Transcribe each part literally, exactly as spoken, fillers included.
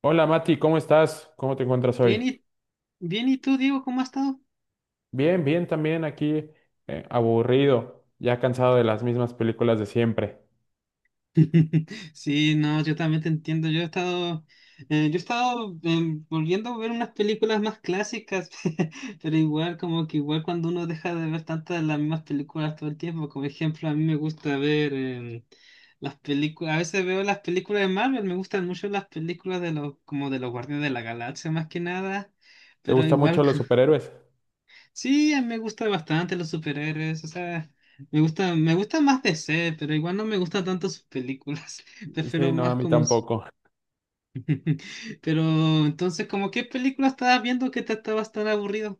Hola Mati, ¿cómo estás? ¿Cómo te encuentras Bien hoy? y, bien, ¿y tú, Diego, cómo has estado? Bien, bien también aquí, eh, aburrido, ya cansado de las mismas películas de siempre. Sí, no, yo también te entiendo. Yo he estado, eh, yo he estado eh, volviendo a ver unas películas más clásicas. Pero igual, como que igual cuando uno deja de ver tantas de las mismas películas todo el tiempo, como ejemplo, a mí me gusta ver em, las películas, a veces veo las películas de Marvel, me gustan mucho las películas de los, como de los Guardianes de la Galaxia más que nada, ¿Te pero gustan mucho igual. los superhéroes? Sí, a mí me gusta bastante los superhéroes, o sea, me gusta, me gusta más D C, pero igual no me gustan tanto sus películas. Prefiero Sí, no, a más mí como s- tampoco. Pero entonces, ¿como qué película estabas viendo que te estabas tan aburrido?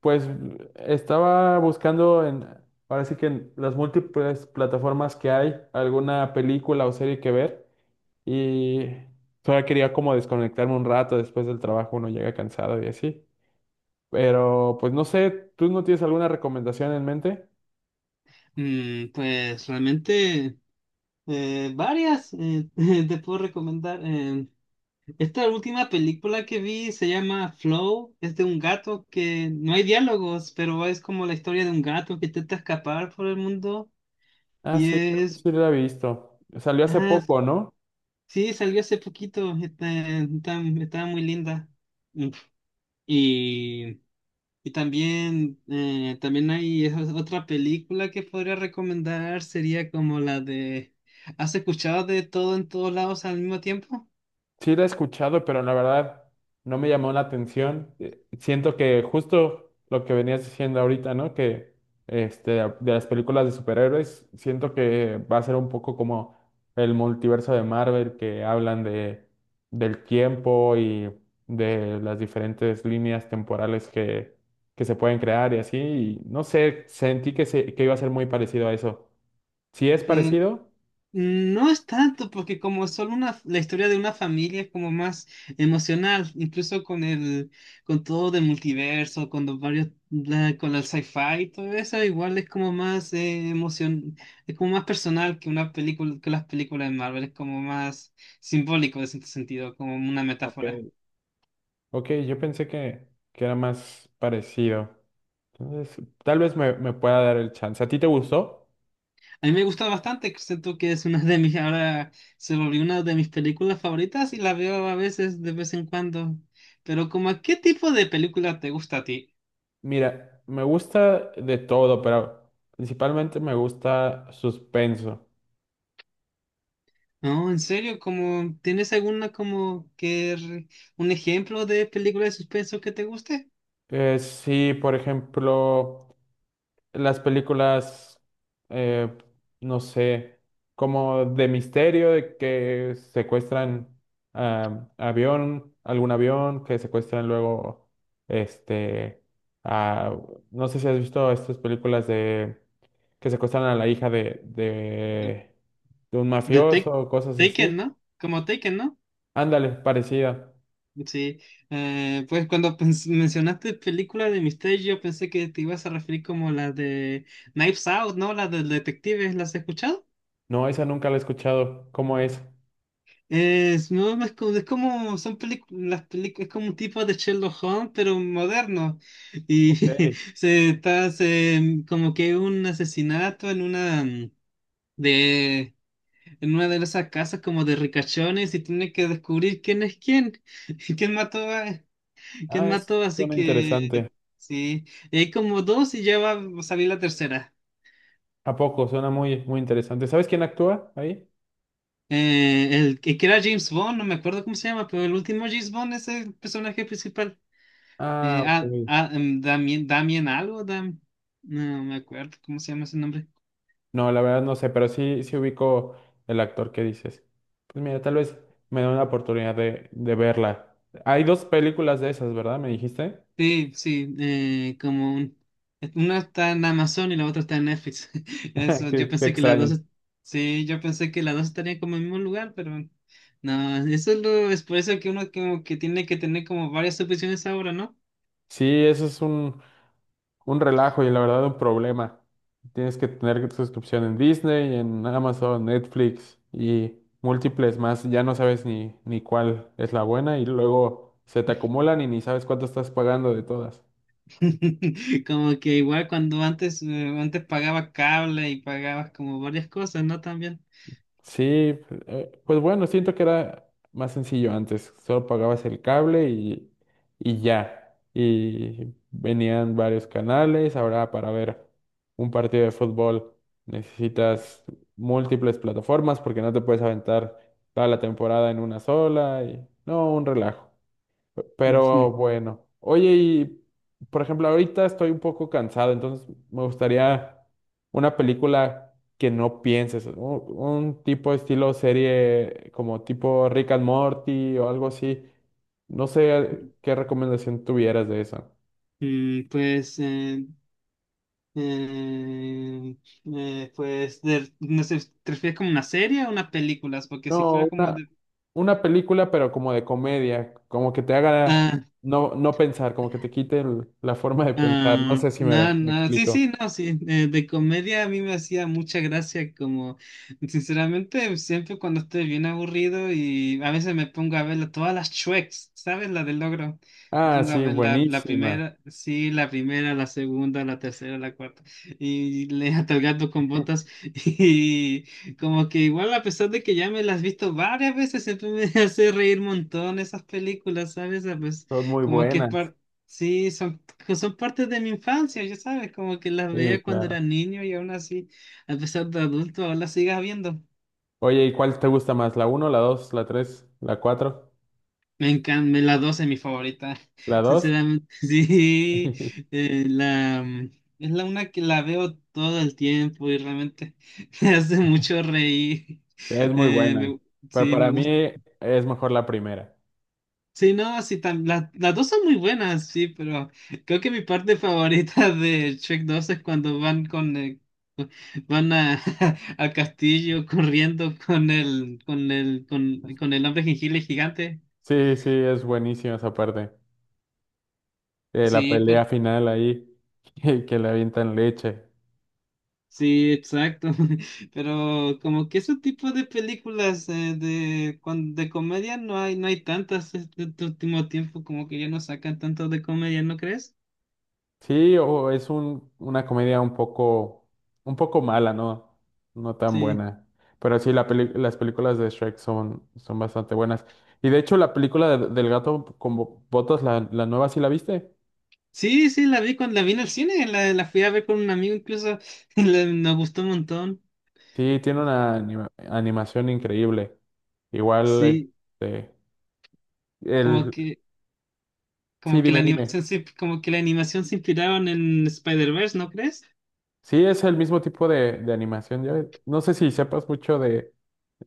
Pues estaba buscando en, ahora sí que en las múltiples plataformas que hay, alguna película o serie que ver y solo quería como desconectarme un rato después del trabajo, uno llega cansado y así. Pero pues no sé, ¿tú no tienes alguna recomendación en mente? Mm, pues realmente eh, varias. Eh, te puedo recomendar. Eh, esta última película que vi se llama Flow, es de un gato que no hay diálogos, pero es como la historia de un gato que intenta escapar por el mundo Ah, y sí, creo que es... sí la he visto. Salió hace ah, poco, ¿no? sí, salió hace poquito, está, está- está muy linda. Mm, Y, y también, eh, también hay es- otra película que podría recomendar, sería como la de... ¿Has escuchado de todo en todos lados al mismo tiempo? Sí la he escuchado, pero la verdad no me llamó la atención. Eh, Siento que justo lo que venías diciendo ahorita, ¿no? Que este, de las películas de superhéroes, siento que va a ser un poco como el multiverso de Marvel, que hablan de, del tiempo y de las diferentes líneas temporales que, que se pueden crear y así. Y no sé, sentí que, se, que iba a ser muy parecido a eso. Si es Eh, parecido... No es tanto, porque como es solo una, la historia de una familia es como más emocional, incluso con el, con todo del multiverso, con los varios, la- con el sci-fi y todo eso, igual es como más eh, emoción, es como más personal que una película, que las películas de Marvel, es como más simbólico en cierto sentido, como una Ok. metáfora. Ok, yo pensé que, que era más parecido. Entonces, tal vez me, me pueda dar el chance. ¿A ti te gustó? A mí me gusta bastante, siento que es una de mis, ahora se volvió una de mis películas favoritas y la veo a veces de vez en cuando. Pero como, ¿a ¿qué tipo de película te gusta a ti? Mira, me gusta de todo, pero principalmente me gusta suspenso. No, en serio, como, ¿tienes alguna como que re- un ejemplo de película de suspenso que te guste? Eh, sí, por ejemplo. las películas, eh, no sé, como de misterio, de que secuestran ah, avión, algún avión, que secuestran luego, este, a- no sé si has visto estas películas de que secuestran a la hija de, De, de, de un de mafioso Take- o cosas así. Taken, ¿no? Como Taken, ¿no? Ándale, parecida. Sí, eh, pues cuando pens- mencionaste película de misterio, yo pensé que te ibas a referir como la de Knives Out, ¿no? La del detective, ¿las has escuchado? No, esa nunca la he escuchado. ¿Cómo es? Es, no, es como, es como son películas, las películas, es como un tipo de Sherlock Holmes, pero moderno. Y Ok. se está se- como que un asesinato en una mm, de en una de esas casas como de ricachones y tiene que descubrir quién es quién, quién mató a, quién Ah, es, mató, así suena interesante. que sí. Y hay como dos y ya va a salir la tercera. ¿A poco? Suena muy, muy interesante. ¿Sabes quién actúa ahí? Eh, el que que era James Bond, no me acuerdo cómo se llama, pero el último James Bond es el personaje principal. Ah, Eh, ah, ok. ah, em, Damien, Damien algo, Dam, no me acuerdo cómo se llama ese nombre. No, la verdad no sé, pero sí, sí ubico el actor que dices. Pues mira, tal vez me da una oportunidad de, de verla. Hay dos películas de esas, ¿verdad? Me dijiste. Sí, sí, eh, como un, una está en Amazon y la otra está en Netflix. Eso, yo Qué, qué pensé que las dos, extraño. est- sí, yo pensé que las dos estarían como en el mismo lugar, pero no, eso es, lo, es por eso que uno como que tiene que tener como varias opciones ahora, ¿no? Sí, eso es un, un relajo y la verdad un problema. Tienes que tener suscripción en Disney, en Amazon, Netflix y múltiples más. Ya no sabes ni, ni cuál es la buena y luego se te acumulan y ni sabes cuánto estás pagando de todas. Como que igual cuando antes, eh, antes pagaba cable y pagabas como varias cosas, ¿no? También. Sí, pues eh, pues bueno, siento que era más sencillo antes. Solo pagabas el cable y, y ya. Y venían varios canales. Ahora para ver un partido de fútbol necesitas múltiples plataformas porque no te puedes aventar toda la temporada en una sola. Y no, un relajo. Pero Ujú. bueno, oye, y por ejemplo, ahorita estoy un poco cansado, entonces me gustaría una película que no pienses, un, un tipo de estilo serie como tipo Rick and Morty o algo así. No sé qué recomendación tuvieras de eso. Mm, pues, eh, Eh, eh, pues, de- no sé, ¿te refieres como una serie o unas películas? Porque si No, fuera como una, de... una película, pero como de comedia, como que te haga Ah, no, no pensar, como que te quite el- la forma de pensar. No ah, sé si no, me, me no, sí, explico. sí, no, sí. Eh, de comedia a mí me hacía mucha gracia, como, sinceramente, siempre cuando estoy bien aburrido y a veces me pongo a ver la- todas las Shreks, ¿sabes? La del logro. Me Ah, pongo a sí, ver la, la buenísima, primera, sí, la primera, la segunda, la tercera, la cuarta. Y le hasta el gato con botas. Y como que igual, a pesar de que ya me las he visto varias veces, siempre me hace reír un montón esas películas, ¿sabes? Ah, pues, son muy como que es buenas. par- sí, son, que son partes de mi infancia, ya sabes, como que las Sí, veía cuando claro. era niño y aún así, a pesar de adulto, aún las sigas viendo. Oye, ¿y cuál te gusta más? ¿La uno, la dos, la tres, la cuatro, Me encanta, la dos es mi favorita, la dos? sinceramente. Sí, eh, la, mm, es la una que la veo todo el tiempo y realmente me hace mucho reír. Es muy Eh, buena, me- pero sí, me para gusta. mí es mejor la primera. Sí, no, sí, tam- la- las dos son muy buenas, sí, pero creo que mi parte favorita de Shrek dos es cuando van con eh, cu- van a, al castillo corriendo con el con el con, con el hombre jengibre gigante. Sí, sí, es buenísima esa parte. Eh, la Sí, pero, pelea final ahí, que que le avientan leche. sí, exacto. Pero como que ese tipo de películas eh, de cuan- de comedia no hay no hay tantas este este último tiempo como que ya no sacan tanto de comedia, ¿no crees? Sí, o es un, una comedia un poco, un poco mala, ¿no? No tan Sí. buena. Pero sí, la peli- las películas de Shrek son, son bastante buenas. Y de hecho, la película de- del gato con bo- botas, la, la nueva, ¿sí la viste? Sí, sí, la vi cuando la vi en el cine, la, la fui a ver con un amigo incluso, la- nos gustó un montón. Sí, tiene una anima- animación increíble. Igual, Sí, este, como el, que, sí, como que la dime, dime. animación se, como que la animación se inspiraron en Spider-Verse, ¿no crees? Sí, es el mismo tipo de, de animación. Ya- no sé si sepas mucho de,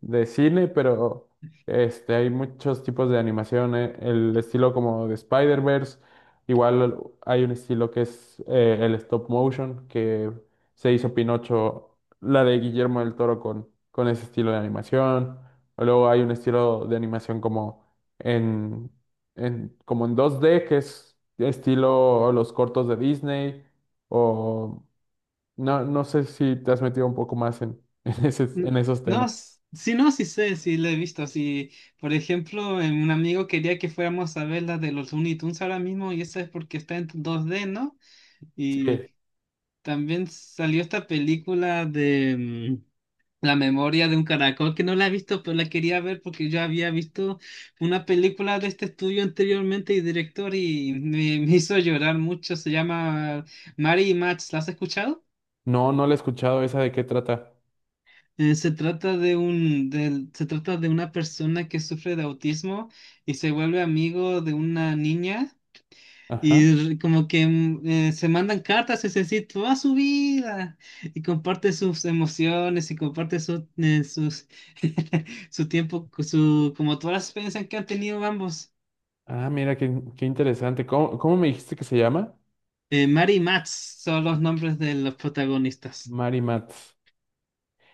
de cine, pero este, hay muchos tipos de animación. eh, El estilo como de Spider-Verse, igual hay un estilo que es eh, el stop motion, que se hizo Pinocho, la de Guillermo del Toro con, con ese estilo de animación. O luego hay un estilo de animación como en, en, como en dos D, que es estilo los cortos de Disney, o no, no sé si te has metido un poco más en, en, ese- N- en esos No, temas. s- sí, no, sí sé, sí la he visto. Sí, por ejemplo, eh, un amigo quería que fuéramos a ver la de los Looney Tunes ahora mismo, y esa es porque está en dos d, ¿no? Sí. Y también salió esta película de mm, La memoria de un caracol que no la he visto, pero la quería ver porque yo había visto una película de este estudio anteriormente y director y me, me hizo llorar mucho. Se llama Mary y Max. ¿La has escuchado? No, no la he escuchado. ¿Esa de qué trata? Eh, se trata de un, del- se trata de una persona que sufre de autismo y se vuelve amigo de una niña. Ajá. Y r- como que mm, eh, se mandan cartas, es decir, toda su vida, y comparte sus emociones, y comparte su, eh, sus, su tiempo, su, como todas las experiencias que han tenido ambos. Ah, mira, qué, qué interesante. ¿Cómo, cómo me dijiste que se llama? Eh, Mary y Max son los nombres de los protagonistas. Mary Mats.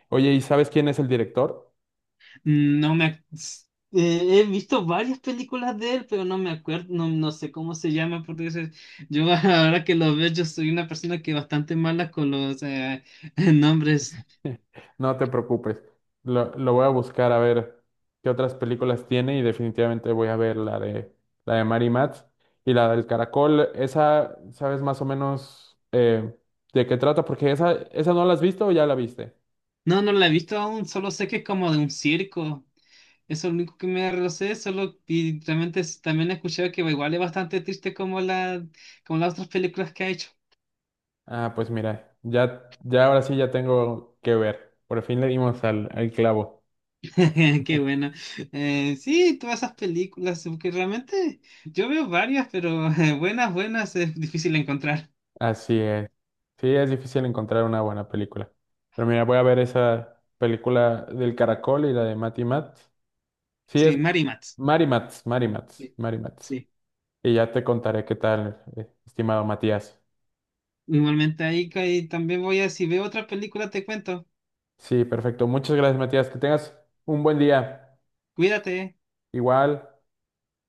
Oye, ¿y sabes quién es el director? Mm, no me, ac- s- eh, he visto varias películas de él, pero no me acuerdo, no, no sé cómo se llama, porque ese- yo ahora que lo veo, yo soy una persona que bastante mala con los eh, nombres. No te preocupes. Lo, lo voy a buscar a ver qué otras películas tiene y definitivamente voy a ver la de la de Mary Matz y la del Caracol. Esa, ¿sabes más o menos eh, de qué trata? Porque esa, esa no la has visto o ya la viste. No, no la he visto aún, solo sé que es como de un circo. Eso es lo único que me lo sé, solo y realmente es- también he escuchado que igual es bastante triste como la como las otras películas que ha hecho. Ah, pues mira, ya, ya ahora sí ya tengo que ver. Por fin le dimos al, al clavo. Qué bueno. Eh, sí, todas esas películas, que realmente yo veo varias, pero eh, buenas, buenas es difícil encontrar. Así es. Sí, es difícil encontrar una buena película. Pero mira, voy a ver esa película del Caracol y la de Matty Matt. Sí, Sí, es Mary Mats. Marimats, Marimats, Sí. Marimats. Sí. Y ya te contaré qué tal, eh, estimado Matías. Igualmente ahí, ahí también voy a, si veo otra película te cuento. Sí, perfecto. Muchas gracias, Matías. Que tengas un buen día. Cuídate. Igual.